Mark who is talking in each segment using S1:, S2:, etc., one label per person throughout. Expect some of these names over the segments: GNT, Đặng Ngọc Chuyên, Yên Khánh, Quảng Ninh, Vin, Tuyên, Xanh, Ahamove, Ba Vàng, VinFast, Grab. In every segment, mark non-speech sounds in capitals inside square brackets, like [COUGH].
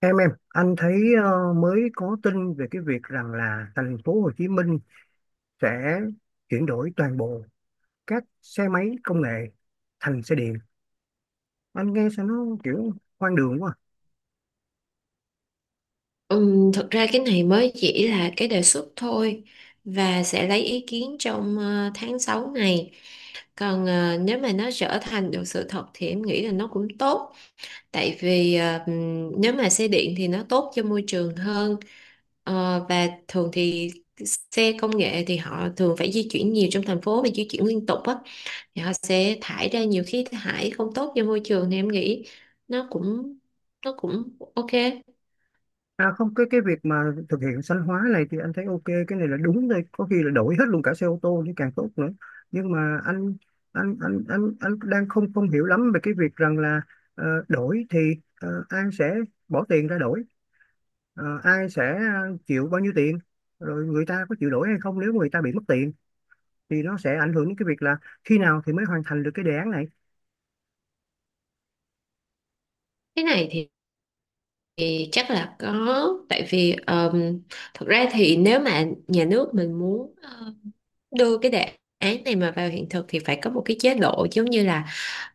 S1: Em, anh thấy mới có tin về cái việc rằng là thành phố Hồ Chí Minh sẽ chuyển đổi toàn bộ các xe máy công nghệ thành xe điện. Anh nghe sao nó kiểu hoang đường quá.
S2: Thực ra cái này mới chỉ là cái đề xuất thôi và sẽ lấy ý kiến trong tháng 6 này. Còn nếu mà nó trở thành được sự thật thì em nghĩ là nó cũng tốt. Tại vì nếu mà xe điện thì nó tốt cho môi trường hơn. Và thường thì xe công nghệ thì họ thường phải di chuyển nhiều trong thành phố và di chuyển liên tục á. Thì họ sẽ thải ra nhiều khí thải không tốt cho môi trường thì em nghĩ nó cũng nó cũng ok.
S1: À không, cái việc mà thực hiện xanh hóa này thì anh thấy ok, cái này là đúng rồi, có khi là đổi hết luôn cả xe ô tô thì càng tốt nữa. Nhưng mà anh đang không không hiểu lắm về cái việc rằng là đổi thì ai sẽ bỏ tiền ra đổi. Ai sẽ chịu bao nhiêu tiền, rồi người ta có chịu đổi hay không, nếu người ta bị mất tiền thì nó sẽ ảnh hưởng đến cái việc là khi nào thì mới hoàn thành được cái đề án này.
S2: Cái này thì chắc là có, tại vì thật ra thì nếu mà nhà nước mình muốn đưa cái đề án này mà vào hiện thực thì phải có một cái chế độ giống như là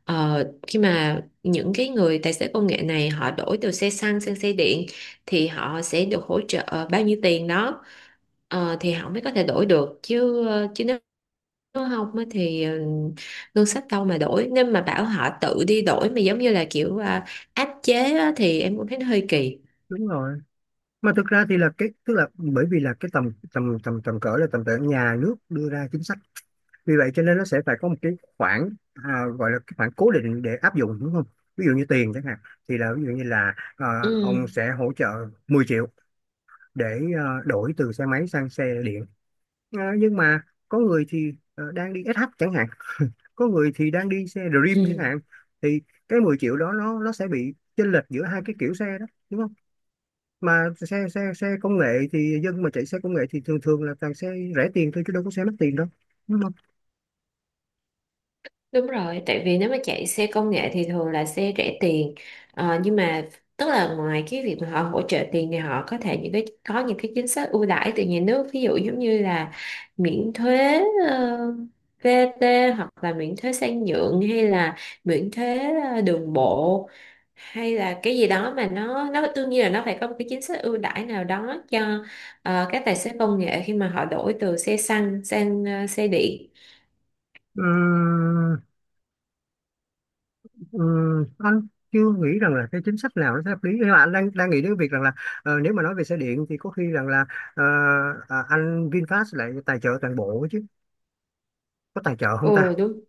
S2: khi mà những cái người tài xế công nghệ này họ đổi từ xe xăng sang xe điện thì họ sẽ được hỗ trợ bao nhiêu tiền đó. Thì họ mới có thể đổi được chứ chứ nếu nếu không á thì ngân sách đâu mà đổi, nếu mà bảo họ tự đi đổi mà giống như là kiểu à, áp chế á thì em cũng thấy nó hơi kỳ.
S1: Đúng rồi, mà thực ra thì là cái, tức là bởi vì là cái tầm tầm tầm tầm cỡ là tầm cỡ nhà nước đưa ra chính sách, vì vậy cho nên nó sẽ phải có một cái khoản, à, gọi là cái khoản cố định để áp dụng đúng không? Ví dụ như tiền chẳng hạn, thì là ví dụ như là ông
S2: Ừ.
S1: sẽ hỗ trợ 10 triệu để đổi từ xe máy sang xe điện. Nhưng mà có người thì đang đi SH chẳng hạn, có người thì đang đi xe Dream chẳng
S2: Ừ,
S1: hạn, thì cái 10 triệu đó nó sẽ bị chênh lệch giữa hai cái kiểu xe đó đúng không? Mà xe xe xe công nghệ, thì dân mà chạy xe công nghệ thì thường thường là toàn xe rẻ tiền thôi chứ đâu có xe mắc tiền đâu, đúng không?
S2: đúng rồi, tại vì nếu mà chạy xe công nghệ thì thường là xe rẻ tiền. Nhưng mà tức là ngoài cái việc mà họ hỗ trợ tiền thì họ có thể những cái có những cái chính sách ưu đãi từ nhà nước, ví dụ giống như là miễn thuế ờ, VAT, hoặc là miễn thuế sang nhượng, hay là miễn thuế đường bộ, hay là cái gì đó mà nó đương nhiên là nó phải có một cái chính sách ưu đãi nào đó cho các tài xế công nghệ khi mà họ đổi từ xe xăng sang xe điện.
S1: Ừm, ừm, anh chưa nghĩ rằng là cái chính sách nào nó sẽ hợp lý, nhưng mà anh đang đang nghĩ đến cái việc rằng là nếu mà nói về xe điện thì có khi rằng là ờ, à, anh VinFast lại tài trợ toàn bộ chứ, có tài trợ không ta?
S2: Ừ, đúng.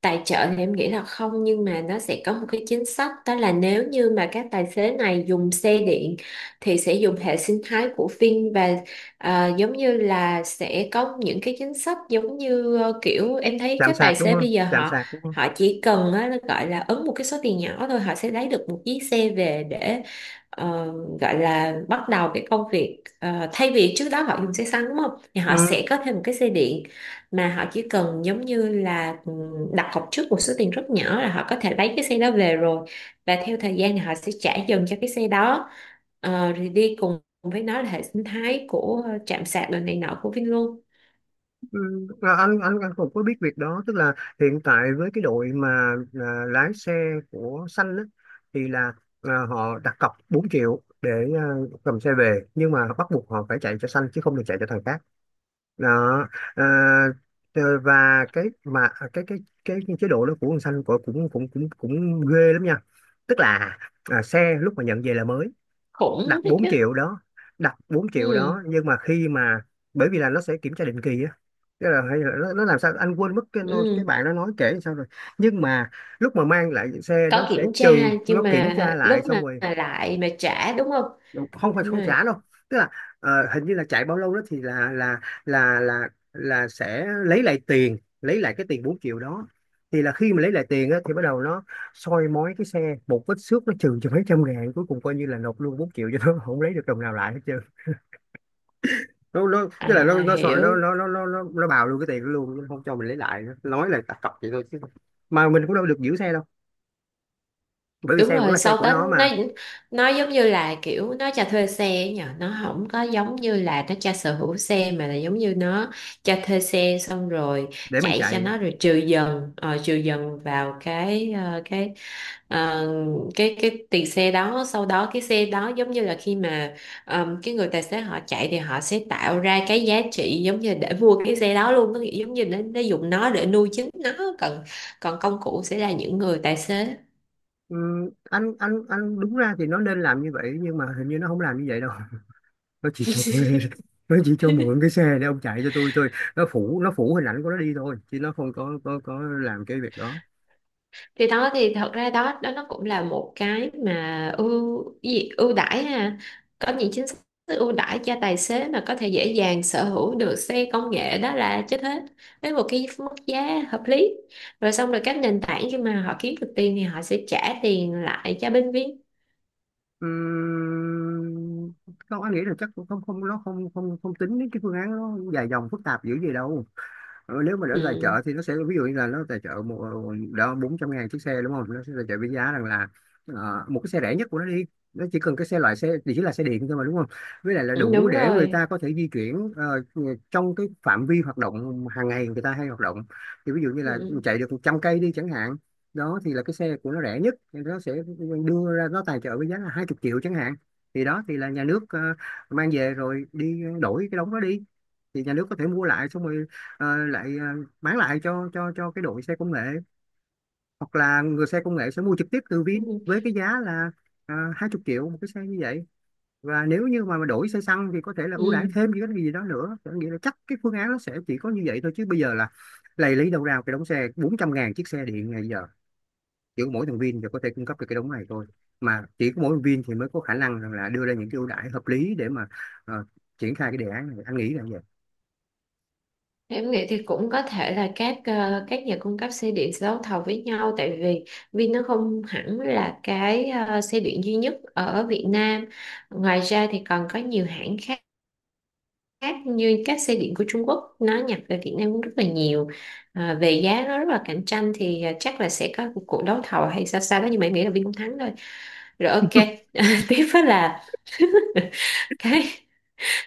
S2: Tài trợ thì em nghĩ là không, nhưng mà nó sẽ có một cái chính sách, đó là nếu như mà các tài xế này dùng xe điện thì sẽ dùng hệ sinh thái của Vin, và giống như là sẽ có những cái chính sách giống như kiểu em thấy
S1: Chạm
S2: các tài
S1: sạc đúng
S2: xế
S1: không,
S2: bây giờ
S1: chạm
S2: họ
S1: sạc đúng không?
S2: họ chỉ cần á, nó gọi là ấn một cái số tiền nhỏ thôi họ sẽ lấy được một chiếc xe về để ờ, gọi là bắt đầu cái công việc. Ờ, Thay vì trước đó họ dùng xe xăng đúng không, thì họ
S1: Ừ.
S2: sẽ có thêm một cái xe điện, mà họ chỉ cần giống như là đặt cọc trước một số tiền rất nhỏ là họ có thể lấy cái xe đó về rồi, và theo thời gian thì họ sẽ trả dần cho cái xe đó. Rồi đi cùng với nó là hệ sinh thái của trạm sạc đồ này nọ của Vin luôn.
S1: Ừ, à, anh cũng có biết việc đó, tức là hiện tại với cái đội mà à, lái xe của xanh á, thì là à, họ đặt cọc 4 triệu để à, cầm xe về, nhưng mà bắt buộc họ phải chạy cho xanh chứ không được chạy cho thằng khác đó. À, ờ, và cái mà cái chế độ đó của con xanh cũng cũng cũng cũng cũng ghê lắm nha, tức là à, xe lúc mà nhận về là mới,
S2: Khủng
S1: đặt
S2: đấy
S1: 4
S2: chứ.
S1: triệu đó đặt 4 triệu
S2: Ừ,
S1: đó nhưng mà khi mà bởi vì là nó sẽ kiểm tra định kỳ á. Tức là hay là nó làm sao anh quên mất cái cái
S2: ừ.
S1: bạn nó nói kể sao rồi, nhưng mà lúc mà mang lại xe nó
S2: Có kiểm
S1: sẽ
S2: tra,
S1: trừ, nó
S2: nhưng
S1: kiểm
S2: mà
S1: tra
S2: lúc
S1: lại xong
S2: mà
S1: rồi,
S2: lại mà trả đúng không.
S1: không phải
S2: Đúng
S1: không trả
S2: rồi.
S1: đâu. Tức là ờ, hình như là chạy bao lâu đó thì là sẽ lấy lại tiền, lấy lại cái tiền 4 triệu đó, thì là khi mà lấy lại tiền á, thì bắt đầu nó soi mói cái xe, một vết xước nó trừ cho mấy trăm ngàn, cuối cùng coi như là nộp luôn 4 triệu cho nó, không lấy được đồng nào lại hết trơn. Nó tức là
S2: À,
S1: nó sợ
S2: hiểu.
S1: nó bào luôn cái tiền đó luôn, nó không cho mình lấy lại nữa, nói là đặt cọc vậy thôi chứ, mà mình cũng đâu được giữ xe đâu, bởi vì
S2: Đúng
S1: xe vẫn
S2: rồi,
S1: là xe
S2: sau
S1: của
S2: Tết
S1: nó
S2: nó
S1: mà,
S2: nó giống như là kiểu nó cho thuê xe ấy nhờ, nó không có giống như là nó cho sở hữu xe mà là giống như nó cho thuê xe xong rồi
S1: để mình
S2: chạy cho
S1: chạy.
S2: nó, rồi trừ dần vào cái ờ, cái ờ, cái tiền xe đó, sau đó cái xe đó giống như là khi mà cái người tài xế họ chạy thì họ sẽ tạo ra cái giá trị giống như để mua cái xe đó luôn, nó giống như nó dùng nó để nuôi chính nó, còn còn công cụ sẽ là những người tài xế.
S1: Anh đúng ra thì nó nên làm như vậy, nhưng mà hình như nó không làm như vậy đâu [LAUGHS] nó chỉ cho thuê, nó chỉ cho mượn cái xe để ông chạy cho tôi, nó phủ, nó phủ hình ảnh của nó đi thôi, chứ nó không có làm cái việc đó.
S2: Thì đó thì thật ra đó đó nó cũng là một cái mà ưu, cái gì, ưu đãi ha, có những chính sách ưu đãi cho tài xế mà có thể dễ dàng sở hữu được xe công nghệ đó là chết hết, với một cái mức giá hợp lý, rồi xong rồi các nền tảng khi mà họ kiếm được tiền thì họ sẽ trả tiền lại cho bên viên.
S1: Ừm, không, anh nghĩ là chắc cũng không không nó không không không tính đến cái phương án nó dài dòng phức tạp dữ gì đâu. Ờ, nếu mà để tài trợ
S2: Ừ.
S1: thì nó sẽ ví dụ như là nó tài trợ một, đó, 400 ngàn chiếc xe đúng không, nó sẽ tài trợ với giá rằng là một cái xe rẻ nhất của nó đi. Nó chỉ cần cái xe, loại xe thì chỉ là xe điện thôi mà đúng không, với lại là
S2: Ừ,
S1: đủ
S2: đúng
S1: để người
S2: rồi.
S1: ta có thể di chuyển trong cái phạm vi hoạt động hàng ngày người ta hay hoạt động, thì ví dụ như là
S2: Ừ.
S1: chạy được 100 cây đi chẳng hạn. Đó thì là cái xe của nó rẻ nhất thì nó sẽ đưa ra, nó tài trợ với giá là 20 triệu chẳng hạn, thì đó thì là nhà nước mang về rồi đi đổi cái đống đó đi, thì nhà nước có thể mua lại xong rồi lại bán lại cho cái đội xe công nghệ, hoặc là người xe công nghệ sẽ mua trực tiếp từ Vin
S2: Ừ.
S1: với cái giá là 20 triệu một cái xe như vậy. Và nếu như mà đổi xe xăng thì có thể là ưu đãi
S2: Ừ.
S1: thêm những cái gì đó nữa, có nghĩa là chắc cái phương án nó sẽ chỉ có như vậy thôi, chứ bây giờ là lầy, lấy đâu ra cái đống xe 400 ngàn chiếc xe điện ngày giờ? Chỉ có mỗi thằng Vin thì có thể cung cấp được cái đống này thôi, mà chỉ có mỗi thằng Vin thì mới có khả năng rằng là đưa ra những cái ưu đãi hợp lý để mà ờ, triển khai cái đề án này, anh nghĩ là như vậy.
S2: Em nghĩ thì cũng có thể là các nhà cung cấp xe điện sẽ đấu thầu với nhau, tại vì Vin nó không hẳn là cái xe điện duy nhất ở Việt Nam. Ngoài ra thì còn có nhiều hãng khác, như các xe điện của Trung Quốc nó nhập về Việt Nam cũng rất là nhiều. À, về giá nó rất là cạnh tranh thì chắc là sẽ có một cuộc đấu thầu hay sao sao đó, nhưng mà em nghĩ là Vin cũng thắng thôi. Rồi ok, [LAUGHS] tiếp đó là [LAUGHS] cái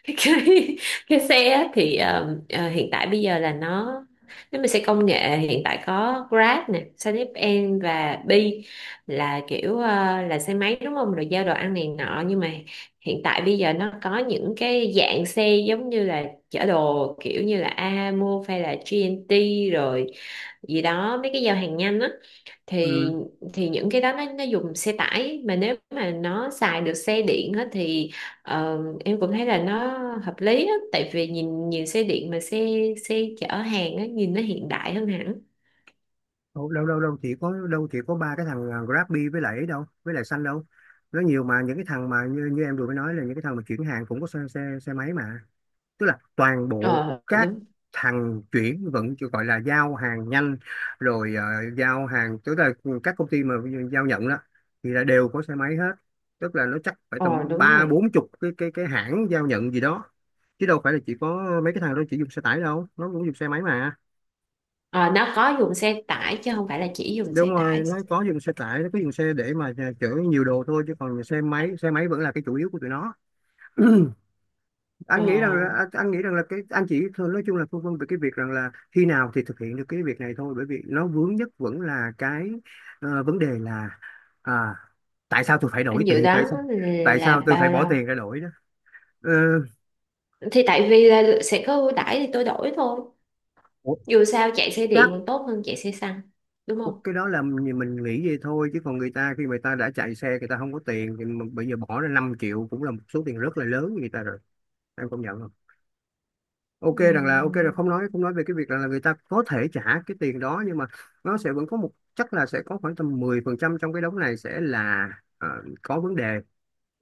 S2: [LAUGHS] cái cái xe á thì hiện tại bây giờ là nó, nếu mà xe công nghệ hiện tại có Grab nè, SanepN và Bi là kiểu là xe máy đúng không? Rồi giao đồ ăn này nọ, nhưng mà hiện tại bây giờ nó có những cái dạng xe giống như là chở đồ kiểu như là Ahamove hay là GNT rồi gì đó, mấy cái giao hàng nhanh á, thì
S1: Ừ.
S2: thì những cái đó nó dùng xe tải, mà nếu mà nó xài được xe điện á, thì ờ, em cũng thấy là nó hợp lý á, tại vì nhìn nhìn xe điện mà xe xe chở hàng á, nhìn nó hiện đại hơn hẳn.
S1: đâu đâu đâu đâu chỉ có, đâu chỉ có ba cái thằng à, Grabby với lại ấy đâu, với lại xanh đâu, nó nhiều mà, những cái thằng mà như, như em vừa mới nói, là những cái thằng mà chuyển hàng cũng có xe, xe máy mà, tức là toàn bộ
S2: Ờ
S1: các
S2: Đúng.
S1: thằng chuyển vận chỉ gọi là giao hàng nhanh, rồi ờ, giao hàng, tức là các công ty mà giao nhận đó, thì là đều có xe máy hết, tức là nó chắc phải
S2: Ờ
S1: tầm
S2: Đúng
S1: ba
S2: rồi.
S1: bốn chục cái cái hãng giao nhận gì đó, chứ đâu phải là chỉ có mấy cái thằng đó chỉ dùng xe tải đâu, nó cũng dùng xe máy mà.
S2: Ờ nó có dùng xe tải chứ không phải là chỉ dùng
S1: Đúng
S2: xe
S1: rồi,
S2: tải.
S1: nó có dùng xe tải, nó có dùng xe để mà chở nhiều đồ thôi, chứ còn xe máy, xe máy vẫn là cái chủ yếu của tụi nó. [CLEARS THROAT]
S2: ờ
S1: Anh nghĩ rằng là anh nghĩ rằng là cái anh chỉ thôi, nói chung là phân vân về cái việc rằng là khi nào thì thực hiện được cái việc này thôi, bởi vì nó vướng nhất vẫn là cái ờ, vấn đề là à, tại sao tôi phải
S2: anh
S1: đổi
S2: dự
S1: tiền, tại
S2: đoán
S1: sao, tại
S2: là
S1: sao tôi phải
S2: bao
S1: bỏ
S2: lâu
S1: tiền ra đổi đó? Ờ,
S2: thì tại vì là sẽ có ưu đãi thì tôi đổi thôi,
S1: ủa,
S2: dù sao chạy xe điện
S1: chắc
S2: còn tốt hơn chạy xe xăng đúng không.
S1: cái đó là mình nghĩ vậy thôi, chứ còn người ta, khi người ta đã chạy xe người ta không có tiền, thì mà bây giờ bỏ ra 5 triệu cũng là một số tiền rất là lớn với người ta, em công nhận không? Ok
S2: Ừ.
S1: rằng là ok, là không nói về cái việc rằng là người ta có thể trả cái tiền đó, nhưng mà nó sẽ vẫn có một, chắc là sẽ có khoảng tầm 10% trong cái đống này sẽ là ờ, có vấn đề.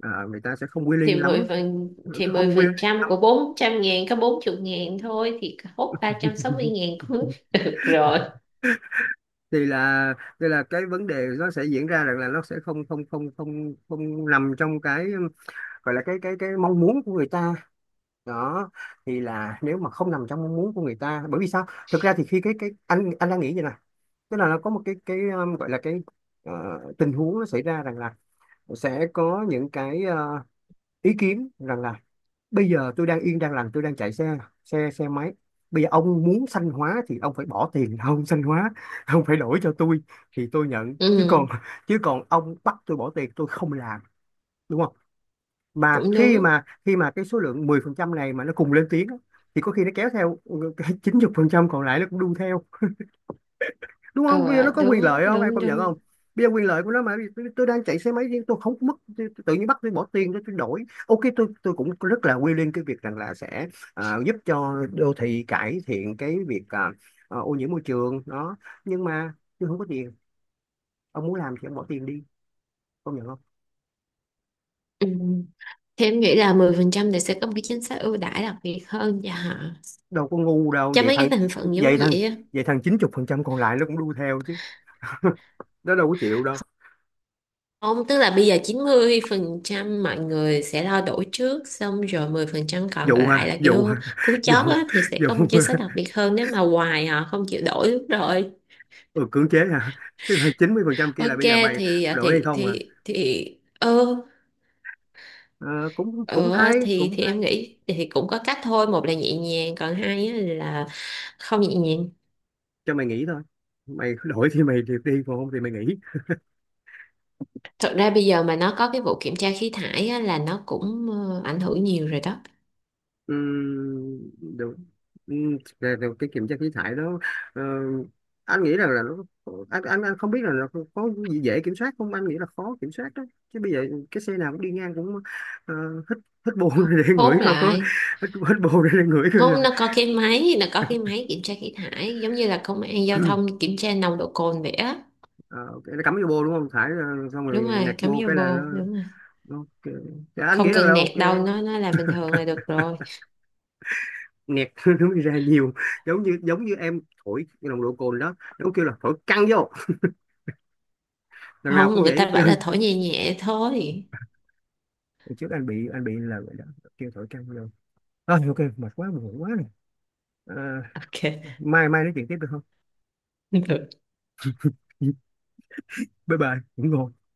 S1: Ờ, người ta sẽ không
S2: thì
S1: willing
S2: 10
S1: lắm,
S2: phần thì 10
S1: không willing
S2: phần trăm
S1: lắm.
S2: của 400.000 có 40.000 thôi, thì hốt ba trăm sáu mươi
S1: [LAUGHS]
S2: ngàn cũng [LAUGHS] được rồi.
S1: thì là thì là cái vấn đề nó sẽ diễn ra rằng là nó sẽ không không không không không nằm trong cái, gọi là cái cái mong muốn của người ta đó, thì là nếu mà không nằm trong mong muốn của người ta, bởi vì sao, thực ra thì khi cái anh đang nghĩ vậy nè, tức là nó có một cái gọi là cái ờ, tình huống nó xảy ra rằng là sẽ có những cái ý kiến rằng là bây giờ tôi đang yên đang lành, tôi đang chạy xe, xe máy, bây giờ ông muốn xanh hóa thì ông phải bỏ tiền ông xanh hóa, [LAUGHS] ông phải đổi cho tôi thì tôi nhận, chứ còn,
S2: Ừ,
S1: chứ còn ông bắt tôi bỏ tiền tôi không làm, đúng không? Mà
S2: cũng
S1: khi
S2: đúng.
S1: mà, khi mà cái số lượng 10% này mà nó cùng lên tiếng á, thì có khi nó kéo theo ừ, cái trăm còn lại nó cũng đu theo, đúng không? Bây giờ nó
S2: Ờ
S1: có quyền
S2: Đúng
S1: lợi không, em
S2: đúng
S1: công nhận không?
S2: đúng.
S1: Bây giờ quyền lợi của nó, mà tôi, đang chạy xe máy riêng tôi không mất, tôi, tự nhiên bắt tôi bỏ tiền, tôi, đổi, ok tôi, cũng rất là quy lên cái việc rằng là sẽ à, giúp cho đô thị cải thiện cái việc à, à, ô nhiễm môi trường đó, nhưng mà tôi không có tiền, ông muốn làm thì ông bỏ tiền đi, công nhận không?
S2: Ừ. Thì em nghĩ là 10% thì sẽ có một cái chính sách ưu đãi đặc biệt hơn cho họ,
S1: Đâu có ngu đâu
S2: cho
S1: vậy
S2: mấy cái
S1: thằng,
S2: thành phần giống
S1: vậy thằng,
S2: vậy á.
S1: vậy thằng 90% còn lại nó cũng đu theo chứ, [LAUGHS] nó đâu có chịu đâu,
S2: Không, tức là bây giờ 90% mọi người sẽ lo đổi trước, xong rồi 10% còn
S1: dụ
S2: lại
S1: ha,
S2: là
S1: dụ
S2: kiểu
S1: ha, [LAUGHS]
S2: cú
S1: dụ,
S2: chót á, thì sẽ
S1: dụ,
S2: có một chính sách đặc biệt hơn nếu mà hoài họ không chịu đổi lúc rồi.
S1: ừ, cưỡng chế hả, [LAUGHS] tức là 90% kia là
S2: Ok
S1: bây giờ mày
S2: thì
S1: đổi hay không à?
S2: ừ,
S1: Ờ, cũng cũng
S2: ừ, à,
S1: hay, cũng
S2: thì
S1: hay,
S2: em nghĩ thì cũng có cách thôi, một là nhẹ nhàng, còn hai á là không nhẹ nhàng.
S1: cho mày nghỉ thôi, mày [LAUGHS] cứ đổi thì mày được đi, còn không thì mày nghỉ.
S2: Thật ra bây giờ mà nó có cái vụ kiểm tra khí thải á, là nó cũng ảnh hưởng nhiều rồi đó.
S1: Ừm, được. Rồi- rồi cái kiểm tra khí thải đó, ờ, anh nghĩ rằng là nó, anh, anh không biết là nó có gì dễ kiểm soát không, anh nghĩ là khó kiểm soát đó, chứ bây giờ cái xe nào cũng đi ngang cũng ờ, hít, hít bô [LAUGHS] để ngửi
S2: Hốt
S1: coi có,
S2: lại.
S1: hít, hít bô [LAUGHS] để ngửi coi là
S2: Không, nó có cái máy kiểm tra khí thải giống như là công an giao thông kiểm tra nồng độ cồn vậy á.
S1: ờ, ok, nó cắm vô bô đúng không, thải ờ, xong
S2: Đúng
S1: rồi nẹt
S2: rồi, cắm
S1: bô
S2: vô
S1: cái là
S2: bồ,
S1: nó.
S2: đúng rồi.
S1: Ok. Dạ, anh
S2: Không
S1: nghĩ rằng là
S2: cần
S1: ok,
S2: nẹt đâu, nó là bình thường là được rồi.
S1: nhạc [LAUGHS] nó mới ra nhiều. Giống như, giống như em thổi cái nồng độ cồn đó nó kêu là thổi căng vô, lần nào
S2: Không,
S1: cũng
S2: người
S1: vậy hết
S2: ta bảo
S1: trơn.
S2: là thổi nhẹ nhẹ thôi.
S1: Hồi trước anh bị là vậy đó, kêu thổi căng vô. Thôi ok, mệt quá buồn ngủ quá rồi, à,
S2: Ok,
S1: mai mai nói chuyện tiếp được không?
S2: [LAUGHS] được
S1: Bye bye, ngủ ngon.